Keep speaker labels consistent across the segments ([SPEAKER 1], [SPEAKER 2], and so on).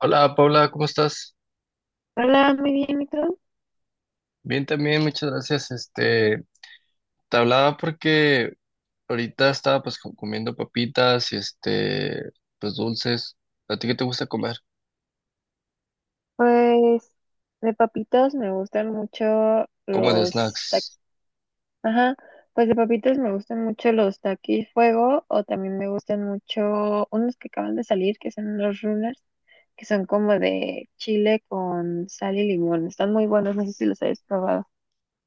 [SPEAKER 1] Hola Paula, ¿cómo estás?
[SPEAKER 2] Hola, muy bien, ¿y tú?
[SPEAKER 1] Bien también, muchas gracias. Te hablaba porque ahorita estaba pues comiendo papitas y pues dulces. ¿A ti qué te gusta comer?
[SPEAKER 2] Pues de papitos me gustan mucho
[SPEAKER 1] Como de
[SPEAKER 2] los
[SPEAKER 1] snacks.
[SPEAKER 2] taquis. Ajá, pues de papitos me gustan mucho los taquis fuego o también me gustan mucho unos que acaban de salir, que son los runners, que son como de chile con sal y limón. Están muy buenos, no sé si los habéis probado.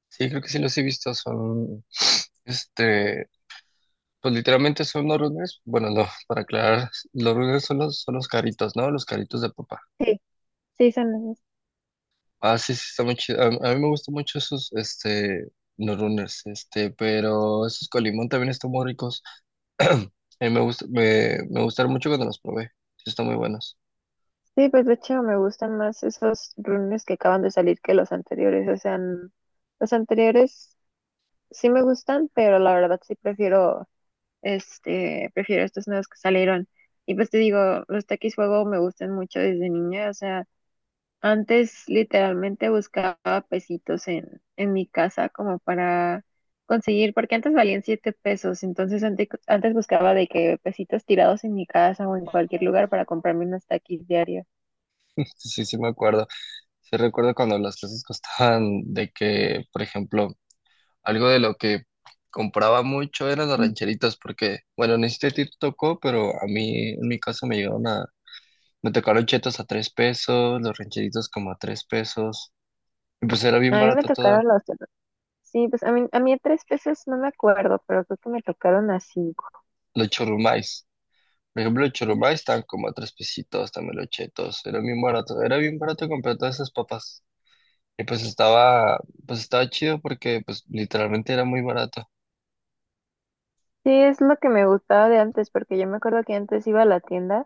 [SPEAKER 1] Sí, creo que sí los he visto, son, este, pues literalmente son los runners. Bueno, no, para aclarar, los runners son son los caritos, ¿no? Los caritos de papá.
[SPEAKER 2] Sí, sí, son esos.
[SPEAKER 1] Ah, sí, sí, está muy chido. A mí me gustan mucho esos, los runners, pero esos con limón también están muy ricos. A mí me gustaron mucho cuando los probé. Sí, están muy buenos.
[SPEAKER 2] Sí, pues de hecho me gustan más esos runners que acaban de salir que los anteriores. O sea, los anteriores sí me gustan, pero la verdad sí prefiero. Este, prefiero estos nuevos que salieron. Y pues te digo, los taquis fuego me gustan mucho desde niña. O sea, antes literalmente buscaba pesitos en, mi casa como para conseguir, porque antes valían 7 pesos. Entonces antes, antes buscaba de que pesitos tirados en mi casa o en cualquier lugar para comprarme unos taquis diarios.
[SPEAKER 1] Sí, sí, me acuerdo. Sí, recuerdo cuando las clases costaban de que, por ejemplo, algo de lo que compraba mucho eran las
[SPEAKER 2] Mm.
[SPEAKER 1] rancheritas, porque, bueno, ni siquiera te tocó, pero a mí, en mi caso, me llegaron a. Me tocaron chetos a 3 pesos, los rancheritos como a 3 pesos. Y pues era bien
[SPEAKER 2] A mí me
[SPEAKER 1] barato todo.
[SPEAKER 2] tocaron los... Sí, pues a mí de 3 pesos no me acuerdo, pero creo que me tocaron así.
[SPEAKER 1] Los churrumais. Por ejemplo, los churrumais estaban como a 3 pesitos, también los chetos. Era bien barato. Era bien barato comprar todas esas papas. Y pues estaba chido porque pues literalmente era muy barato.
[SPEAKER 2] Sí, es lo que me gustaba de antes, porque yo me acuerdo que antes iba a la tienda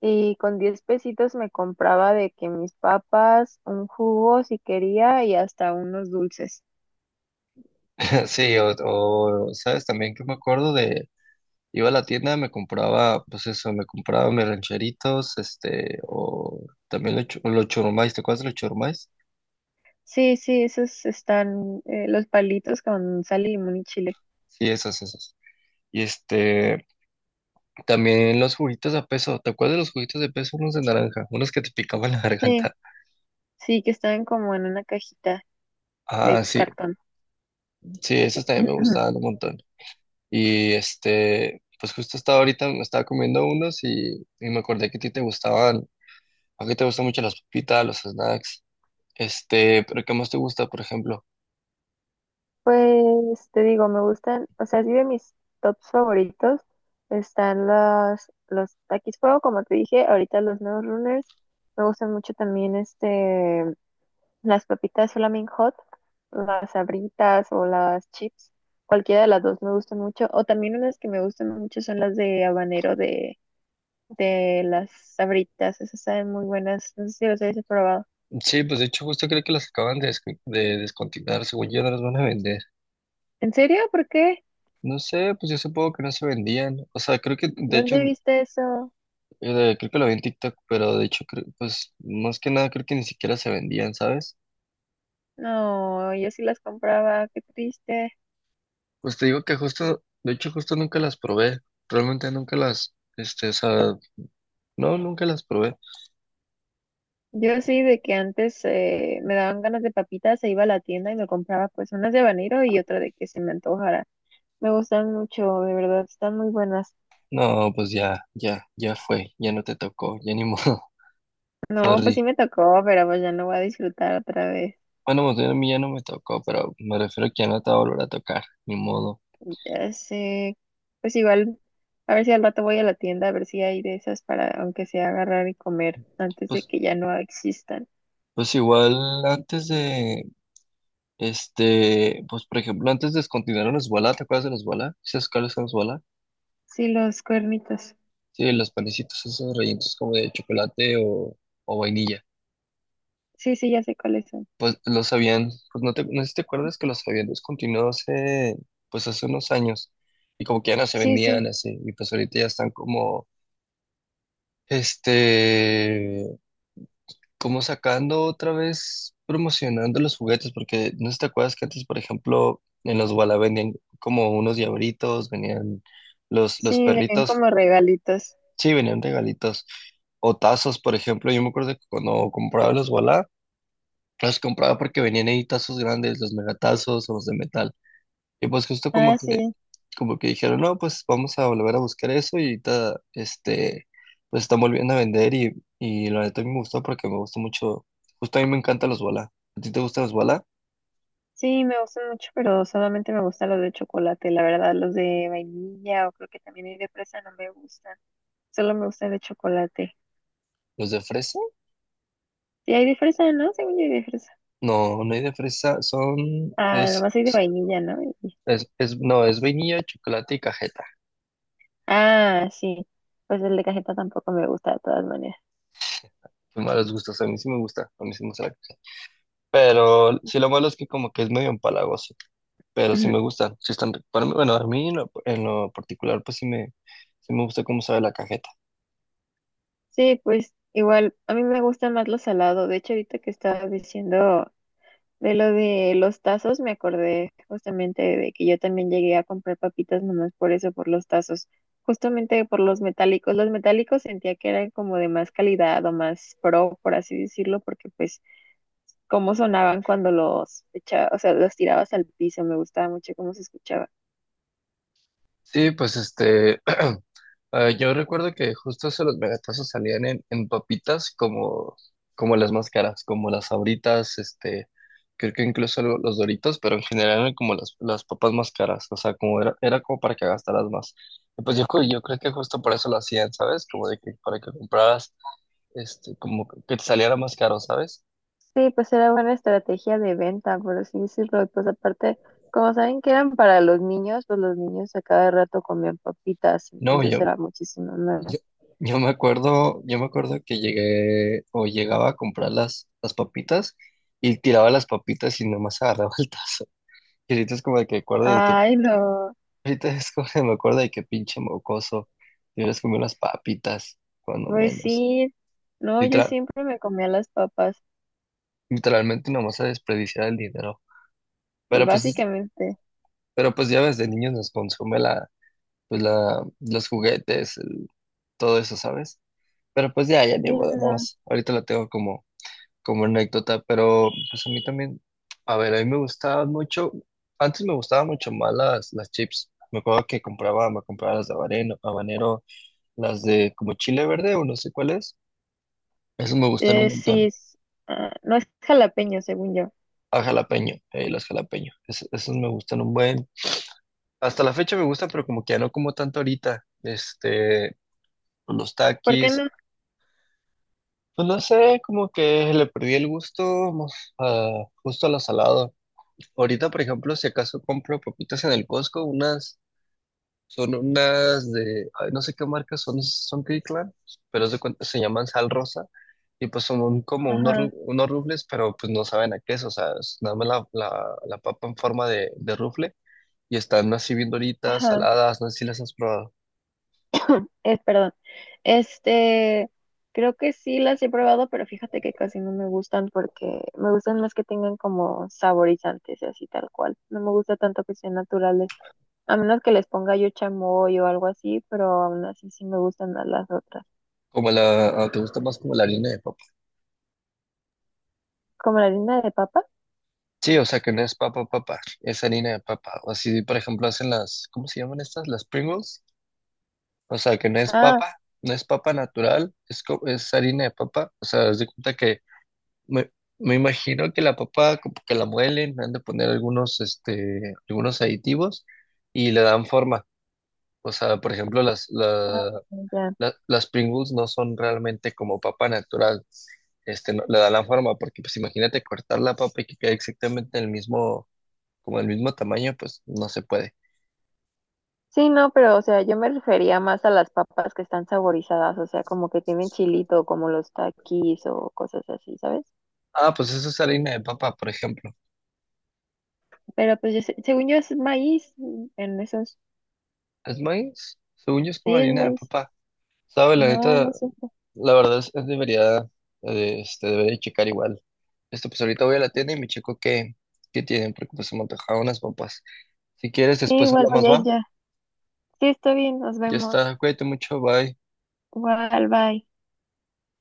[SPEAKER 2] y con 10 pesitos me compraba de que mis papas, un jugo si quería y hasta unos dulces.
[SPEAKER 1] Sí, sabes también que me acuerdo iba a la tienda, me compraba, pues eso, me compraba mis rancheritos, o también los churrumais, ¿te acuerdas de los churrumais?
[SPEAKER 2] Sí, sí, esos están los palitos con sal y limón y chile.
[SPEAKER 1] Sí, esas, esas. Y también los juguitos a peso, ¿te acuerdas de los juguitos de peso? Unos de naranja, unos que te picaban la
[SPEAKER 2] Sí,
[SPEAKER 1] garganta.
[SPEAKER 2] sí, que están como en una cajita de
[SPEAKER 1] Ah, sí,
[SPEAKER 2] cartón.
[SPEAKER 1] sí, esos también me gustaban un montón. Y pues justo estaba ahorita, me estaba comiendo unos y me acordé que a ti te gustaban, a ti te gustan mucho las papitas, los snacks, pero ¿qué más te gusta, por ejemplo?
[SPEAKER 2] Pues te digo, me gustan, o sea, sí de mis tops favoritos están los, Takis Fuego, como te dije, ahorita los nuevos runners. Me gustan mucho también este las papitas Flaming Hot, las sabritas o las chips, cualquiera de las dos me gustan mucho. O también unas que me gustan mucho son las de habanero de las sabritas, esas saben muy buenas, no sé si las habéis probado.
[SPEAKER 1] Sí, pues de hecho justo creo que las acaban de descontinuar, según yo no las van a vender.
[SPEAKER 2] ¿En serio? ¿Por qué?
[SPEAKER 1] No sé, pues yo supongo que no se vendían, o sea, creo que de hecho,
[SPEAKER 2] ¿Dónde viste eso?
[SPEAKER 1] creo que lo vi en TikTok, pero de hecho, pues más que nada creo que ni siquiera se vendían, ¿sabes?
[SPEAKER 2] No, yo sí las compraba, qué triste.
[SPEAKER 1] Pues te digo que justo, de hecho justo nunca las probé, realmente nunca las, o sea, no, nunca las probé.
[SPEAKER 2] Yo sí de que antes me daban ganas de papitas, se iba a la tienda y me compraba pues unas de habanero y otra de que se me antojara. Me gustan mucho, de verdad, están muy buenas.
[SPEAKER 1] No, pues ya, ya, ya fue, ya no te tocó, ya ni modo,
[SPEAKER 2] No, pues sí
[SPEAKER 1] sorry.
[SPEAKER 2] me tocó, pero pues ya no voy a disfrutar otra vez.
[SPEAKER 1] Bueno, más bien a mí ya no me tocó, pero me refiero que ya no te va a volver a tocar, ni modo.
[SPEAKER 2] Ya sé, pues igual, a ver si al rato voy a la tienda, a ver si hay de esas para aunque sea agarrar y comer antes de
[SPEAKER 1] Pues,
[SPEAKER 2] que ya no existan.
[SPEAKER 1] pues igual antes pues por ejemplo, antes descontinuaron los bola, ¿te acuerdas de los bola? ¿Sabes cuáles son los bola?
[SPEAKER 2] Sí, los cuernitos.
[SPEAKER 1] Sí, los panecitos esos rellenos como de chocolate o vainilla.
[SPEAKER 2] Sí, sí, ya sé cuáles son.
[SPEAKER 1] Pues los habían, pues no te, no sé si te acuerdas que los habían descontinuado pues hace unos años. Y como que ya no se
[SPEAKER 2] Sí, sí,
[SPEAKER 1] vendían así, y pues ahorita ya están Este, como sacando otra vez, promocionando los juguetes, porque no sé si te acuerdas que antes, por ejemplo, en los Walla vendían como unos diabritos, venían los
[SPEAKER 2] sí, venían
[SPEAKER 1] perritos,
[SPEAKER 2] como regalitos.
[SPEAKER 1] sí, venían regalitos, o tazos, por ejemplo, yo me acuerdo que cuando compraba los Walla, los compraba porque venían ahí tazos grandes, los megatazos o los de metal. Y pues justo como
[SPEAKER 2] Ah,
[SPEAKER 1] que,
[SPEAKER 2] sí.
[SPEAKER 1] como que dijeron, no, pues vamos a volver a buscar eso y ahorita, pues están volviendo a vender y la neta a mí me gustó porque me gustó mucho, justo a mí me encantan los bola. ¿A ti te gustan los bola?
[SPEAKER 2] Sí, me gustan mucho, pero solamente me gustan los de chocolate, la verdad, los de vainilla o creo que también hay de fresa, no me gustan. Solo me gustan de chocolate.
[SPEAKER 1] ¿Los de fresa?
[SPEAKER 2] Sí, hay de fresa, ¿no? Según yo hay de fresa.
[SPEAKER 1] No, no hay de fresa, son,
[SPEAKER 2] Ah,
[SPEAKER 1] es,
[SPEAKER 2] nomás hay de vainilla, ¿no? Y-
[SPEAKER 1] es- no, es vainilla, chocolate y cajeta.
[SPEAKER 2] Ah, sí. Pues el de cajeta tampoco me gusta de todas maneras.
[SPEAKER 1] Qué malos gustos, a mí sí me gusta, a mí sí me gusta la cajeta. Pero sí lo malo es que como que es medio empalagoso, pero sí me gustan, sí están ricos, para mí, bueno, a mí en lo particular pues sí me gusta cómo sabe la cajeta.
[SPEAKER 2] Sí, pues igual, a mí me gusta más lo salado. De hecho, ahorita que estaba diciendo de lo de los tazos me acordé justamente de que yo también llegué a comprar papitas nomás por eso, por los tazos, justamente por los metálicos. Los metálicos sentía que eran como de más calidad o más pro, por así decirlo, porque pues cómo sonaban cuando los echaba, o sea, los tirabas al piso, me gustaba mucho cómo se escuchaba.
[SPEAKER 1] Sí, pues yo recuerdo que justo esos los megatazos salían en papitas como las más caras, como las Sabritas, creo que incluso los Doritos, pero en general eran como las papas más caras, o sea, como era como para que gastaras más. Y pues yo creo que justo por eso lo hacían, ¿sabes? Como de que para que compraras, como que te saliera más caro, ¿sabes?
[SPEAKER 2] Sí, pues era buena estrategia de venta, por así decirlo. Y pues aparte, como saben que eran para los niños, pues los niños a cada rato comían papitas,
[SPEAKER 1] No,
[SPEAKER 2] entonces era muchísimo
[SPEAKER 1] Yo,
[SPEAKER 2] más.
[SPEAKER 1] yo me acuerdo que llegué o llegaba a comprar las papitas y tiraba las papitas y nomás agarraba el tazo. Y ahorita es como de que acuerdo de que,
[SPEAKER 2] Ay, no.
[SPEAKER 1] ahorita es como que me acuerdo de que pinche mocoso, te hubieras comido las papitas, cuando
[SPEAKER 2] Pues
[SPEAKER 1] menos.
[SPEAKER 2] sí, no, yo
[SPEAKER 1] Literal,
[SPEAKER 2] siempre me comía las papas,
[SPEAKER 1] Literalmente nomás a desperdiciar el dinero. Pero pues, es-
[SPEAKER 2] básicamente.
[SPEAKER 1] pero pues ya ves, de niños nos consume los juguetes, todo eso, ¿sabes? Pero pues ya, ya
[SPEAKER 2] Sí,
[SPEAKER 1] ni modo,
[SPEAKER 2] no.
[SPEAKER 1] nomás. Ahorita lo tengo como anécdota, pero pues a mí también, a ver, a mí me gustaban mucho, antes me gustaban mucho más las chips. Me acuerdo que compraba, me compraba las de habanero, habanero, las de como chile verde o no sé cuál es. Esas me gustan un
[SPEAKER 2] Sí,
[SPEAKER 1] montón.
[SPEAKER 2] ah, no es jalapeño, según yo.
[SPEAKER 1] A jalapeño, las jalapeño. Esas me gustan un buen. Hasta la fecha me gustan, pero como que ya no como tanto ahorita. Los
[SPEAKER 2] ¿Por qué
[SPEAKER 1] taquis,
[SPEAKER 2] no?
[SPEAKER 1] pues no sé, como que le perdí el gusto mo- justo a lo salado. Ahorita, por ejemplo, si acaso compro papitas en el Costco, unas, son unas de, ay, no sé qué marca son Kirkland, pero se llaman sal rosa, y pues son como unos, ru-
[SPEAKER 2] Ajá,
[SPEAKER 1] unos rufles, pero pues no saben a qué es, o sea, es nada más la papa en forma de rufle, y están así bien doritas,
[SPEAKER 2] ajá,
[SPEAKER 1] saladas, no sé si las has probado.
[SPEAKER 2] perdón. Este, creo que sí las he probado, pero fíjate que casi no me gustan porque me gustan más que tengan como saborizantes y así tal cual. No me gusta tanto que sean naturales, a menos que les ponga yo chamoy o algo así, pero aún así sí me gustan más las otras.
[SPEAKER 1] Como la, ah, ¿te gusta más como la harina de papa?
[SPEAKER 2] ¿Como la harina de papa?
[SPEAKER 1] Sí, o sea que no es papa papa, es harina de papa. O así, por ejemplo, hacen las, ¿cómo se llaman estas? Las Pringles. O sea que no es
[SPEAKER 2] Ah,
[SPEAKER 1] papa, no es papa natural, es harina de papa. O sea, haz de cuenta que me, me imagino que la papa como que la muelen, le han de poner algunos aditivos y le dan forma. O sea, por ejemplo, las,
[SPEAKER 2] Ah,
[SPEAKER 1] la-
[SPEAKER 2] ya.
[SPEAKER 1] la- las Pringles no son realmente como papa natural. Le dan la forma, porque pues imagínate cortar la papa y que quede exactamente el mismo como del mismo tamaño, pues no se puede.
[SPEAKER 2] Sí, no, pero o sea, yo me refería más a las papas que están saborizadas, o sea, como que tienen chilito, como los taquis o cosas así, ¿sabes?
[SPEAKER 1] Ah, pues eso es harina de papa, por ejemplo.
[SPEAKER 2] Pero pues según yo es maíz en esos.
[SPEAKER 1] ¿Es maíz? Según yo es como
[SPEAKER 2] Sí, es
[SPEAKER 1] harina de
[SPEAKER 2] maíz.
[SPEAKER 1] papa. Sabe, la
[SPEAKER 2] No,
[SPEAKER 1] neta,
[SPEAKER 2] no sé.
[SPEAKER 1] la verdad es debería checar igual. Esto, pues ahorita voy a la tienda y me checo qué tienen, porque pues se me antojaron unas papas. Si quieres,
[SPEAKER 2] Sí,
[SPEAKER 1] después
[SPEAKER 2] igual voy
[SPEAKER 1] hablamos,
[SPEAKER 2] a ir
[SPEAKER 1] va.
[SPEAKER 2] ya. Sí, está bien, nos
[SPEAKER 1] Ya
[SPEAKER 2] vemos.
[SPEAKER 1] está, cuídate mucho, bye.
[SPEAKER 2] Igual, bye.